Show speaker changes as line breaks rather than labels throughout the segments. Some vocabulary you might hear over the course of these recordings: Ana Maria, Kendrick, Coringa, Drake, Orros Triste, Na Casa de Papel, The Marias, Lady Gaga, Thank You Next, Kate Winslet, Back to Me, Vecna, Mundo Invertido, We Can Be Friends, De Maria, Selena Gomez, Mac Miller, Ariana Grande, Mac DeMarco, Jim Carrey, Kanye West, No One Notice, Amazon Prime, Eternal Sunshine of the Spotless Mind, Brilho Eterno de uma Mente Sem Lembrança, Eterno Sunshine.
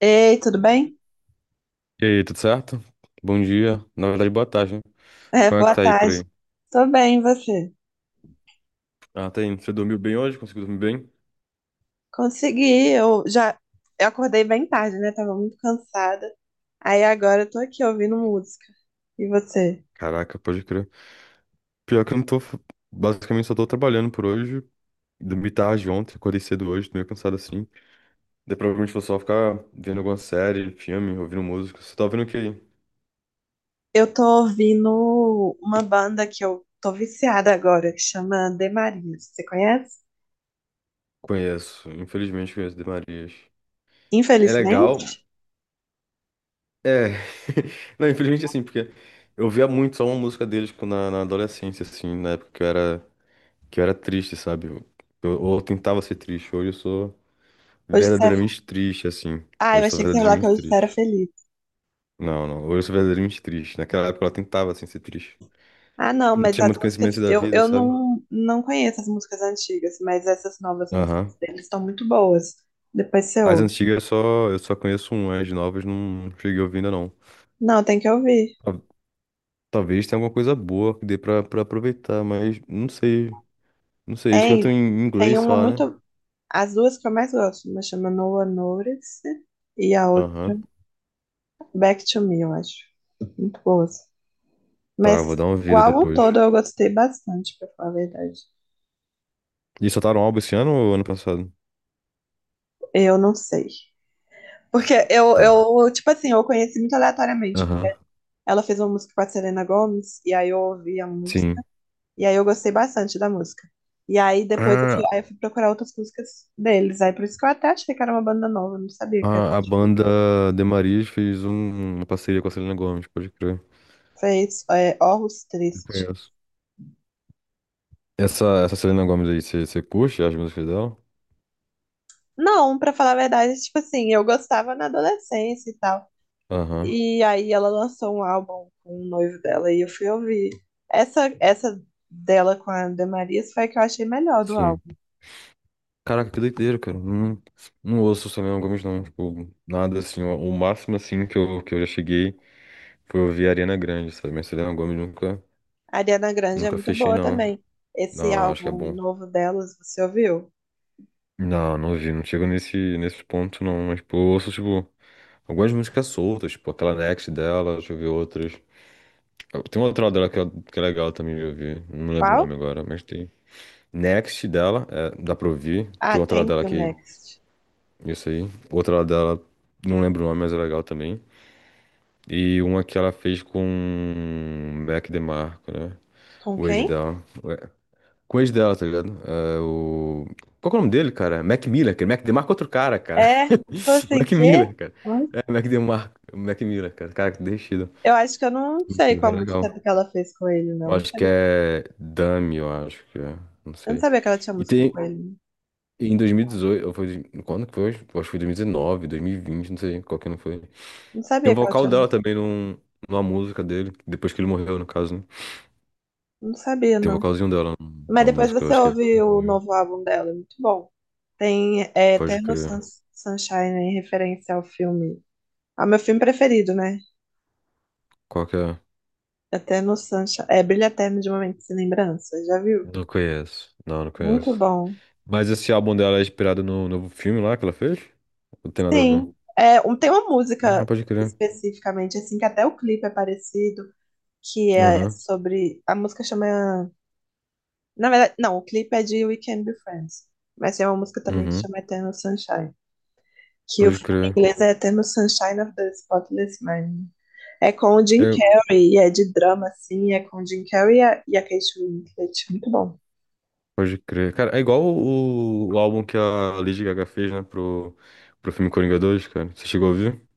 Ei, tudo bem?
E aí, tudo certo? Bom dia. Na verdade, boa tarde, né?
É,
Como é que
boa
tá aí por
tarde.
aí?
Tô bem, e você?
Ah, tá indo. Você dormiu bem hoje? Conseguiu dormir bem?
Consegui, eu acordei bem tarde, né? Tava muito cansada. Aí agora eu tô aqui ouvindo música. E você?
Caraca, pode crer. Pior que eu não tô. Basicamente, só tô trabalhando por hoje. Dormi tarde ontem, acordei cedo hoje, tô meio cansado assim. Daí provavelmente vou só ficar vendo alguma série, filme, ouvindo música. Você tá ouvindo o que aí?
Eu tô ouvindo uma banda que eu tô viciada agora, que chama De Maria. Você conhece?
Conheço. Infelizmente, conheço De Marias. É
Infelizmente,
legal. É. Não, infelizmente, assim, porque eu via muito só uma música deles, tipo, na adolescência, assim, na época que eu era triste, sabe? Ou eu tentava ser triste. Hoje eu sou
hoje você é...
verdadeiramente triste, assim.
Ah, eu
Hoje eu sou
achei que você ia falar que
verdadeiramente
hoje você era
triste.
feliz.
Não, não. Hoje eu sou verdadeiramente triste. Naquela época ela tentava, assim, ser triste.
Ah, não,
Eu não
mas
tinha
as
muito conhecimento
músicas...
da vida,
Eu
sabe?
não, não conheço as músicas antigas, mas essas novas
Aham.
músicas deles estão muito boas. Depois você
As
ouve.
antigas eu só conheço um, as novas não cheguei ouvindo, não.
Não, tem que ouvir.
Tal- Talvez tenha alguma coisa boa que dê pra aproveitar, mas não sei. Não sei, eles
Tem,
cantam em
tem
inglês
uma
só, né?
muito. As duas que eu mais gosto, uma chama No One Notice e a outra
Aham.
Back to Me, eu acho. Muito boas. Mas
Tá, vou dar uma
o
vida
álbum
depois.
todo eu gostei bastante, pra falar a verdade.
E soltaram um álbum esse ano ou ano passado?
Eu não sei. Porque
Tá.
tipo assim, eu conheci muito aleatoriamente.
Aham.
Ela fez uma música com a Selena Gomez, e aí eu ouvi a música.
Sim.
E aí eu gostei bastante da música. E aí depois
Ah,
aí eu fui procurar outras músicas deles. Aí por isso que eu até achei que era uma banda nova, eu não sabia que era.
a banda The Marias fez uma parceria com a Selena Gomez, pode crer.
Fez é, Orros
Eu
Triste.
conheço. Essa Selena Gomez aí, você curte as músicas dela?
Não, pra falar a verdade, tipo assim, eu gostava na adolescência e tal.
Aham,
E aí ela lançou um álbum com o noivo dela e eu fui ouvir. Essa dela com a Ana Maria foi a que eu achei melhor do
sim.
álbum.
Caraca, que doideira, cara. Não, não ouço Selena Gomez, não. Tipo, nada assim. O máximo, assim, que eu já cheguei foi ouvir Ariana Grande, sabe? Mas Selena Gomez nunca,
A Ariana Grande é
nunca
muito
fechei,
boa
não.
também. Esse
Não, acho que é
álbum
bom.
novo delas, você ouviu?
Não, não ouvi. Não chego nesse ponto, não. Mas, tipo, eu ouço, tipo, algumas músicas soltas, tipo, aquela Next dela, deixa eu ver outras. Tem uma outra dela que é legal também de ouvir. Não lembro o
Qual?
nome agora, mas tem. Next dela, é, dá pra ouvir.
Ah,
Tem outra
Thank
dela
You
que.
Next.
Isso aí. Outra dela, não lembro o nome, mas é legal também. E uma que ela fez com o Mac DeMarco, né?
Com
O ex
quem?
dela. Ué, com o ex dela, tá ligado? É, o... Qual que é o nome dele, cara? Mac Miller, cara. Mac DeMarco é outro cara, cara.
É, tô
O
assim,
Mac
quê?
Miller, cara.
Hã?
É, Mac DeMarco. Mac Miller, cara. Cara, que deixido.
Eu acho que eu não
Mac
sei qual
Miller é
música
legal.
que ela fez com ele,
Eu
não. Não
acho que
sabia,
é Dummy, eu acho que é. Não
eu não
sei.
sabia que ela tinha
E
música
tem.
com ele.
Em 2018, ou foi. Quando que foi? Eu acho que foi 2019, 2020, não sei qual que não foi.
Não
Tem um
sabia que ela
vocal
tinha.
dela também numa música dele, depois que ele morreu, no caso, né?
Não sabia,
Tem um
não.
vocalzinho dela
Mas
numa
depois
música, eu
você
acho que é.
ouve
Good
o novo
News.
álbum dela, é muito bom. Tem é,
Pode crer.
Sunshine em referência ao filme. Ao meu filme preferido, né?
Qual que é?
Eterno Sunshine. É Brilho Eterno de uma Mente Sem Lembrança. Já viu?
Não conheço. Não, não
Muito
conheço.
bom.
Mas esse álbum dela é inspirado no novo filme lá que ela fez? Não tem nada a ver.
Sim. É, um, tem uma
Ah,
música
pode crer.
especificamente, assim, que até o clipe é parecido, que é
Aham.
sobre. A música chama. Na verdade, não, o clipe é de We Can Be Friends. Mas tem uma música também que
Uhum.
chama Eternal Sunshine, que o
Pode
filme
crer.
em inglês é Eternal Sunshine of the Spotless Mind. É com o Jim
É,
Carrey, e é de drama, assim, é com o Jim Carrey e e a Kate Winslet, muito bom.
pode crer. Cara, é igual o álbum que a Lady Gaga fez, né, pro filme Coringa 2, cara. Você chegou a ouvir?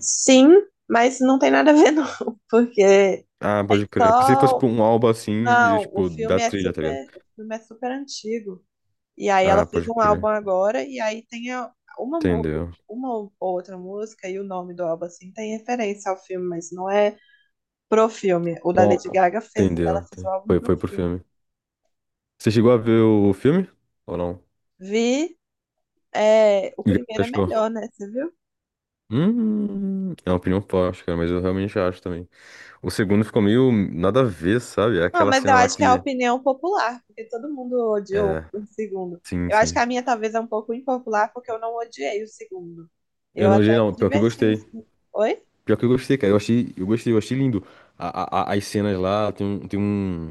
Sim, mas não tem nada a ver não, porque
Ah, pode crer. Pensei que fosse,
só...
tipo, um álbum assim, de,
Não,
tipo, da trilha, tá ligado?
o filme é super antigo. E aí ela
Ah,
fez
pode
um álbum
crer.
agora, e aí tem uma, mu-
Entendeu.
uma ou outra música e o nome do álbum, assim, tem referência ao filme, mas não é pro filme. O da
Um
Lady
al-
Gaga fez,
Entendeu.
ela fez o álbum
Foi,
pro
foi pro
filme.
filme. Você chegou a ver o filme? Ou não?
Vi. É, o
E o que você
primeiro é
achou?
melhor, né? Você viu?
É uma opinião forte, cara, mas eu realmente acho também. O segundo ficou meio nada a ver, sabe? É
Não,
aquela
mas eu
cena lá
acho que é a
que.
opinião popular, porque todo mundo odiou
É,
o segundo.
sim,
Eu acho que
sim.
a minha talvez é um pouco impopular, porque eu não odiei o segundo.
Eu
Eu
não
até
odiei,
me
não. Pior que eu
diverti no
gostei.
segundo. Oi?
Pior que eu gostei, cara. Eu achei, eu gostei, eu achei lindo. As cenas lá, tem um, tem um,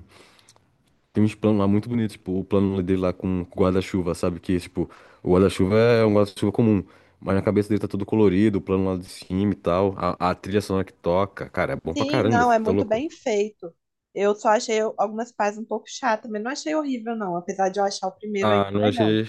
tem uns planos lá muito bonitos, tipo, o plano dele lá com o guarda-chuva, sabe? Que, tipo, o guarda-chuva é um guarda-chuva comum, mas na cabeça dele tá todo colorido, o plano lá de cima e tal. A trilha sonora que toca, cara, é bom pra
Sim,
caramba,
não, é
filho, tá
muito
louco?
bem feito. Eu só achei algumas partes um pouco chatas, mas não achei horrível, não. Apesar de eu achar o primeiro ainda
Ah, não
melhor.
achei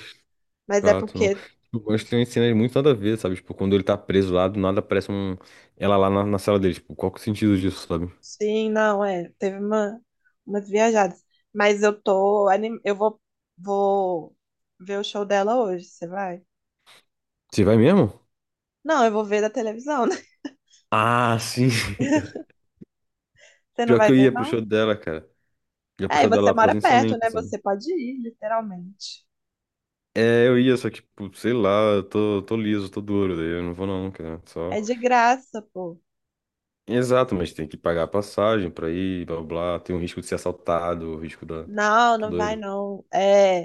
Mas é
chato, não.
porque,
Tipo, eu gosto que tem umas cenas muito nada a ver, sabe? Tipo, quando ele tá preso lá, do nada aparece um... ela lá na sala dele, tipo, qual que é o sentido disso, sabe?
sim, não, é. Teve umas viajadas. Mas eu tô. Vou ver o show dela hoje. Você vai?
Você vai mesmo?
Não, eu vou ver da televisão, né?
Ah, sim.
Você não
Pior
vai
que eu
ver,
ia pro show
não?
dela, cara. Já
É, e
puxou
você
dela
mora perto,
presencialmente,
né?
sabe?
Você pode ir, literalmente.
É, eu ia, só que, tipo, sei lá, tô liso, tô duro, daí eu não vou não, cara.
É
Só.
de graça, pô.
Exato, mas tem que pagar a passagem pra ir, blá blá, blá, tem o risco de ser assaltado, o risco da.
Não,
Tá
não vai,
doido.
não. É,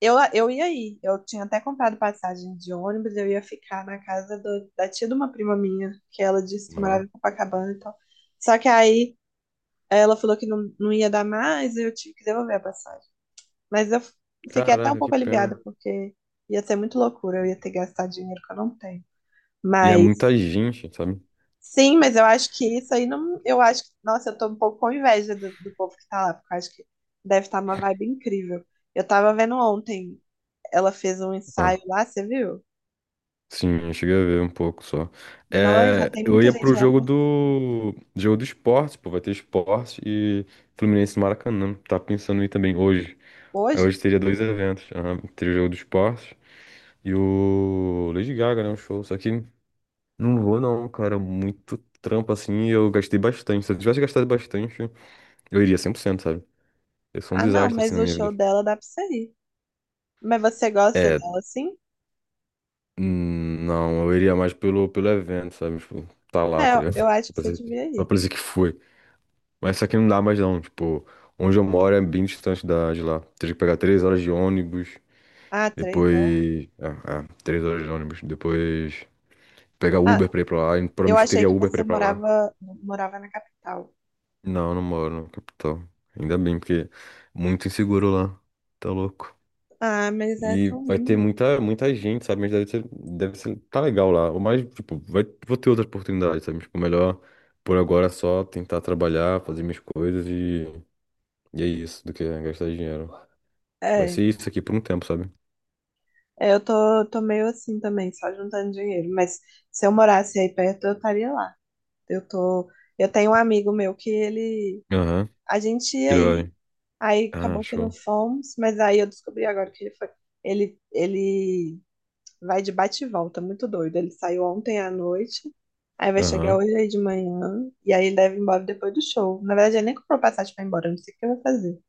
eu ia ir. Eu tinha até comprado passagem de ônibus, eu ia ficar na casa da tia de uma prima minha, que ela disse que morava
Aham.
em Copacabana e tal. Só que aí ela falou que não, não ia dar mais, e eu tive que devolver a passagem. Mas eu fiquei até um
Caraca, que
pouco aliviada,
pena.
porque ia ser muito loucura, eu ia ter que gastar dinheiro que eu não tenho.
E é
Mas
muita gente, sabe?
sim, mas eu acho que isso aí não. Eu acho que. Nossa, eu tô um pouco com inveja do povo que tá lá, porque eu acho que deve estar uma vibe incrível. Eu tava vendo ontem, ela fez um ensaio
Ah,
lá, você viu?
sim, eu cheguei a ver um pouco só.
Nós já
É,
tem
eu
muita
ia pro
gente lá
jogo
com-
do. Jogo do esporte, pô, vai ter esporte e Fluminense e Maracanã. Tá pensando em ir também hoje. Aí hoje
hoje.
teria dois eventos, aham, teria o jogo do esporte. E o Lady Gaga, né? Um show. Só que não vou, não, cara. Muito trampo assim. E eu gastei bastante. Se eu tivesse gastado bastante, eu iria 100%, sabe? Eu sou um
Ah, não,
desastre assim
mas
na
o
minha vida.
show dela dá pra você ir. Mas você gosta
É,
dela sim?
não, eu iria mais pelo evento, sabe? Tipo, tá lá,
É,
tá ligado?
eu acho
Só
que
pra
você
dizer
devia
só
ir.
pra que foi. Mas só que não dá mais, não. Tipo, onde eu moro é bem distante de lá. Teria que pegar 3 horas de ônibus.
Ah, três não.
Depois. 3 horas de ônibus. Depois pegar
Ah,
Uber pra ir pra lá. E
eu
provavelmente não
achei
teria
que
Uber pra
você
ir pra lá.
morava na capital.
Não, não moro na capital. Ainda bem, porque é muito inseguro lá. Tá louco.
Ah, mas é
E
tão
vai ter
lindo.
muita, muita gente, sabe? Mas deve ser, tá legal lá. Ou mais, tipo, vai, vou ter outras oportunidades, sabe? Tipo, melhor por agora é só tentar trabalhar, fazer minhas coisas e é isso, do que gastar dinheiro. Vai
É.
ser isso aqui por um tempo, sabe?
É, tô meio assim também, só juntando dinheiro. Mas se eu morasse aí perto, eu estaria lá. Eu tô, eu tenho um amigo meu que ele,
Aham,
a gente ia
que ele
aí
vai.
aí
Ah,
acabou que não
show.
fomos, mas aí eu descobri agora que ele foi, ele vai de bate e volta, muito doido. Ele saiu ontem à noite, aí vai chegar
Aham.
hoje aí de manhã, e aí ele deve ir embora depois do show. Na verdade, ele nem comprou passagem pra ir embora, eu não sei o que eu vou fazer.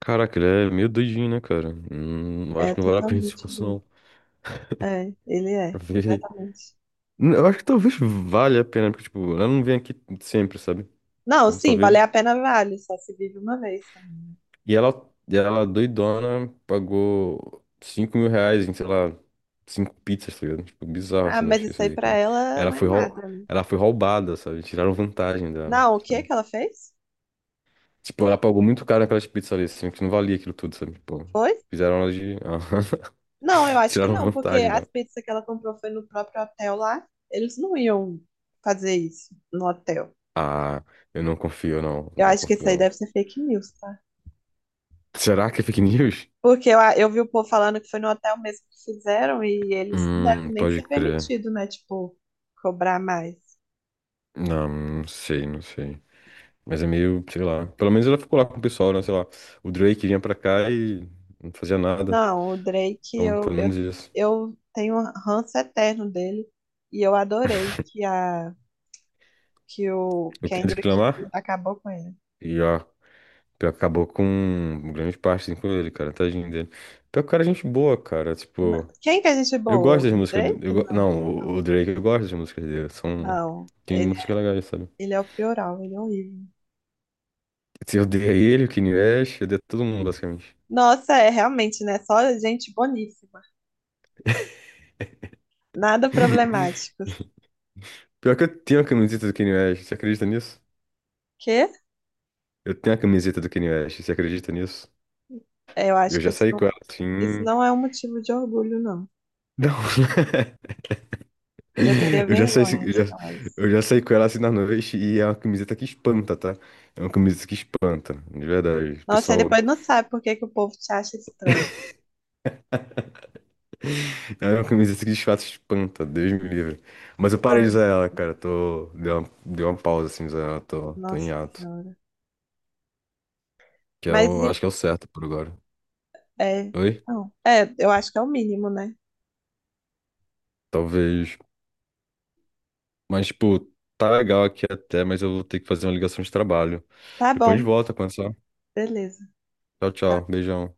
Caraca, ele é meio doidinho, né, cara? Acho
É
que não vale a pena. Se
totalmente
fosse,
doido.
não.
É, ele é, completamente.
Eu acho que talvez valha a pena, porque, tipo, ela não vem aqui sempre, sabe?
Não,
Então,
sim, valer
talvez...
a pena vale, só se vive uma vez também.
E ela, e ela doidona, pagou R$ 5.000 em, sei lá, cinco pizzas, tá ligado? Tipo, bizarro,
Ah,
você não
mas
acha
isso
isso
aí
daí,
pra
cara.
ela
Ela
não é
foi, rou...
nada, né?
ela foi roubada, sabe? Tiraram vantagem dela,
Não, o que
sabe?
que ela fez?
Tipo, ela pagou muito caro naquelas pizzas ali, assim, que não valia aquilo tudo, sabe? Tipo,
Foi?
fizeram ela de... Aham.
Não, eu acho que
Tiraram
não, porque
vantagem
as
dela.
pizzas que ela comprou foi no próprio hotel lá. Eles não iam fazer isso no hotel.
Ah, eu não confio, não.
Eu
Não
acho que isso
confio,
aí
não.
deve ser fake news, tá?
Será que é fake news?
Porque eu vi o povo falando que foi no hotel mesmo que fizeram e eles não devem nem
Pode
ser
crer.
permitido, né? Tipo, cobrar mais.
Não, não sei, não sei. Mas é meio, sei lá. Pelo menos ela ficou lá com o pessoal, né? Sei lá. O Drake vinha pra cá e não fazia nada.
Não, o Drake,
Então, pelo menos isso.
eu tenho um ranço eterno dele e eu adorei que o
Eu queria
Kendrick
reclamar
acabou com ele.
e, ó, pior que acabou com grande parte assim, com ele, cara. Tadinho dele. Pior que o cara é gente boa, cara.
Na-
Tipo,
Quem que é gente
eu
boa?
gosto
O
das músicas do. Eu
Drake?
go-
Não,
não, o
não.
Drake, eu gosto das músicas dele. São.
Não,
Tem músicas legais, sabe?
ele é o pioral, ele é horrível.
Se eu odeia ele, o Kanye West, eu odeio todo mundo, basicamente.
Nossa, é realmente, né? Só gente boníssima. Nada problemático.
Pior que eu tenho a camiseta do Kanye West. Você acredita nisso?
Que?
Eu tenho a camiseta do Kanye West, você acredita nisso?
Eu acho
Eu
que
já saí com ela
isso
assim.
não é um motivo de orgulho, não.
Não.
Eu teria
Eu já saí,
vergonha
eu
de
já,
falar isso.
eu já saí com ela assim na noite e é uma camiseta que espanta, tá? É uma camiseta que espanta, de verdade. O
Nossa, e
pessoal.
depois não sabe por que que o povo te acha estranho.
É uma camiseta que de fato espanta, Deus me livre. Mas eu parei de usar ela, cara. Dei uma pausa assim, de usar ela, tô em
Nossa
ato.
Senhora.
Que é
Mas
o, acho que é o certo por agora.
é,
Oi?
não, é, eu acho que é o mínimo, né?
Talvez. Mas, tipo, tá legal aqui até, mas eu vou ter que fazer uma ligação de trabalho.
Tá
Depois a
bom,
gente volta a conversar.
beleza.
Tchau, tchau. Beijão.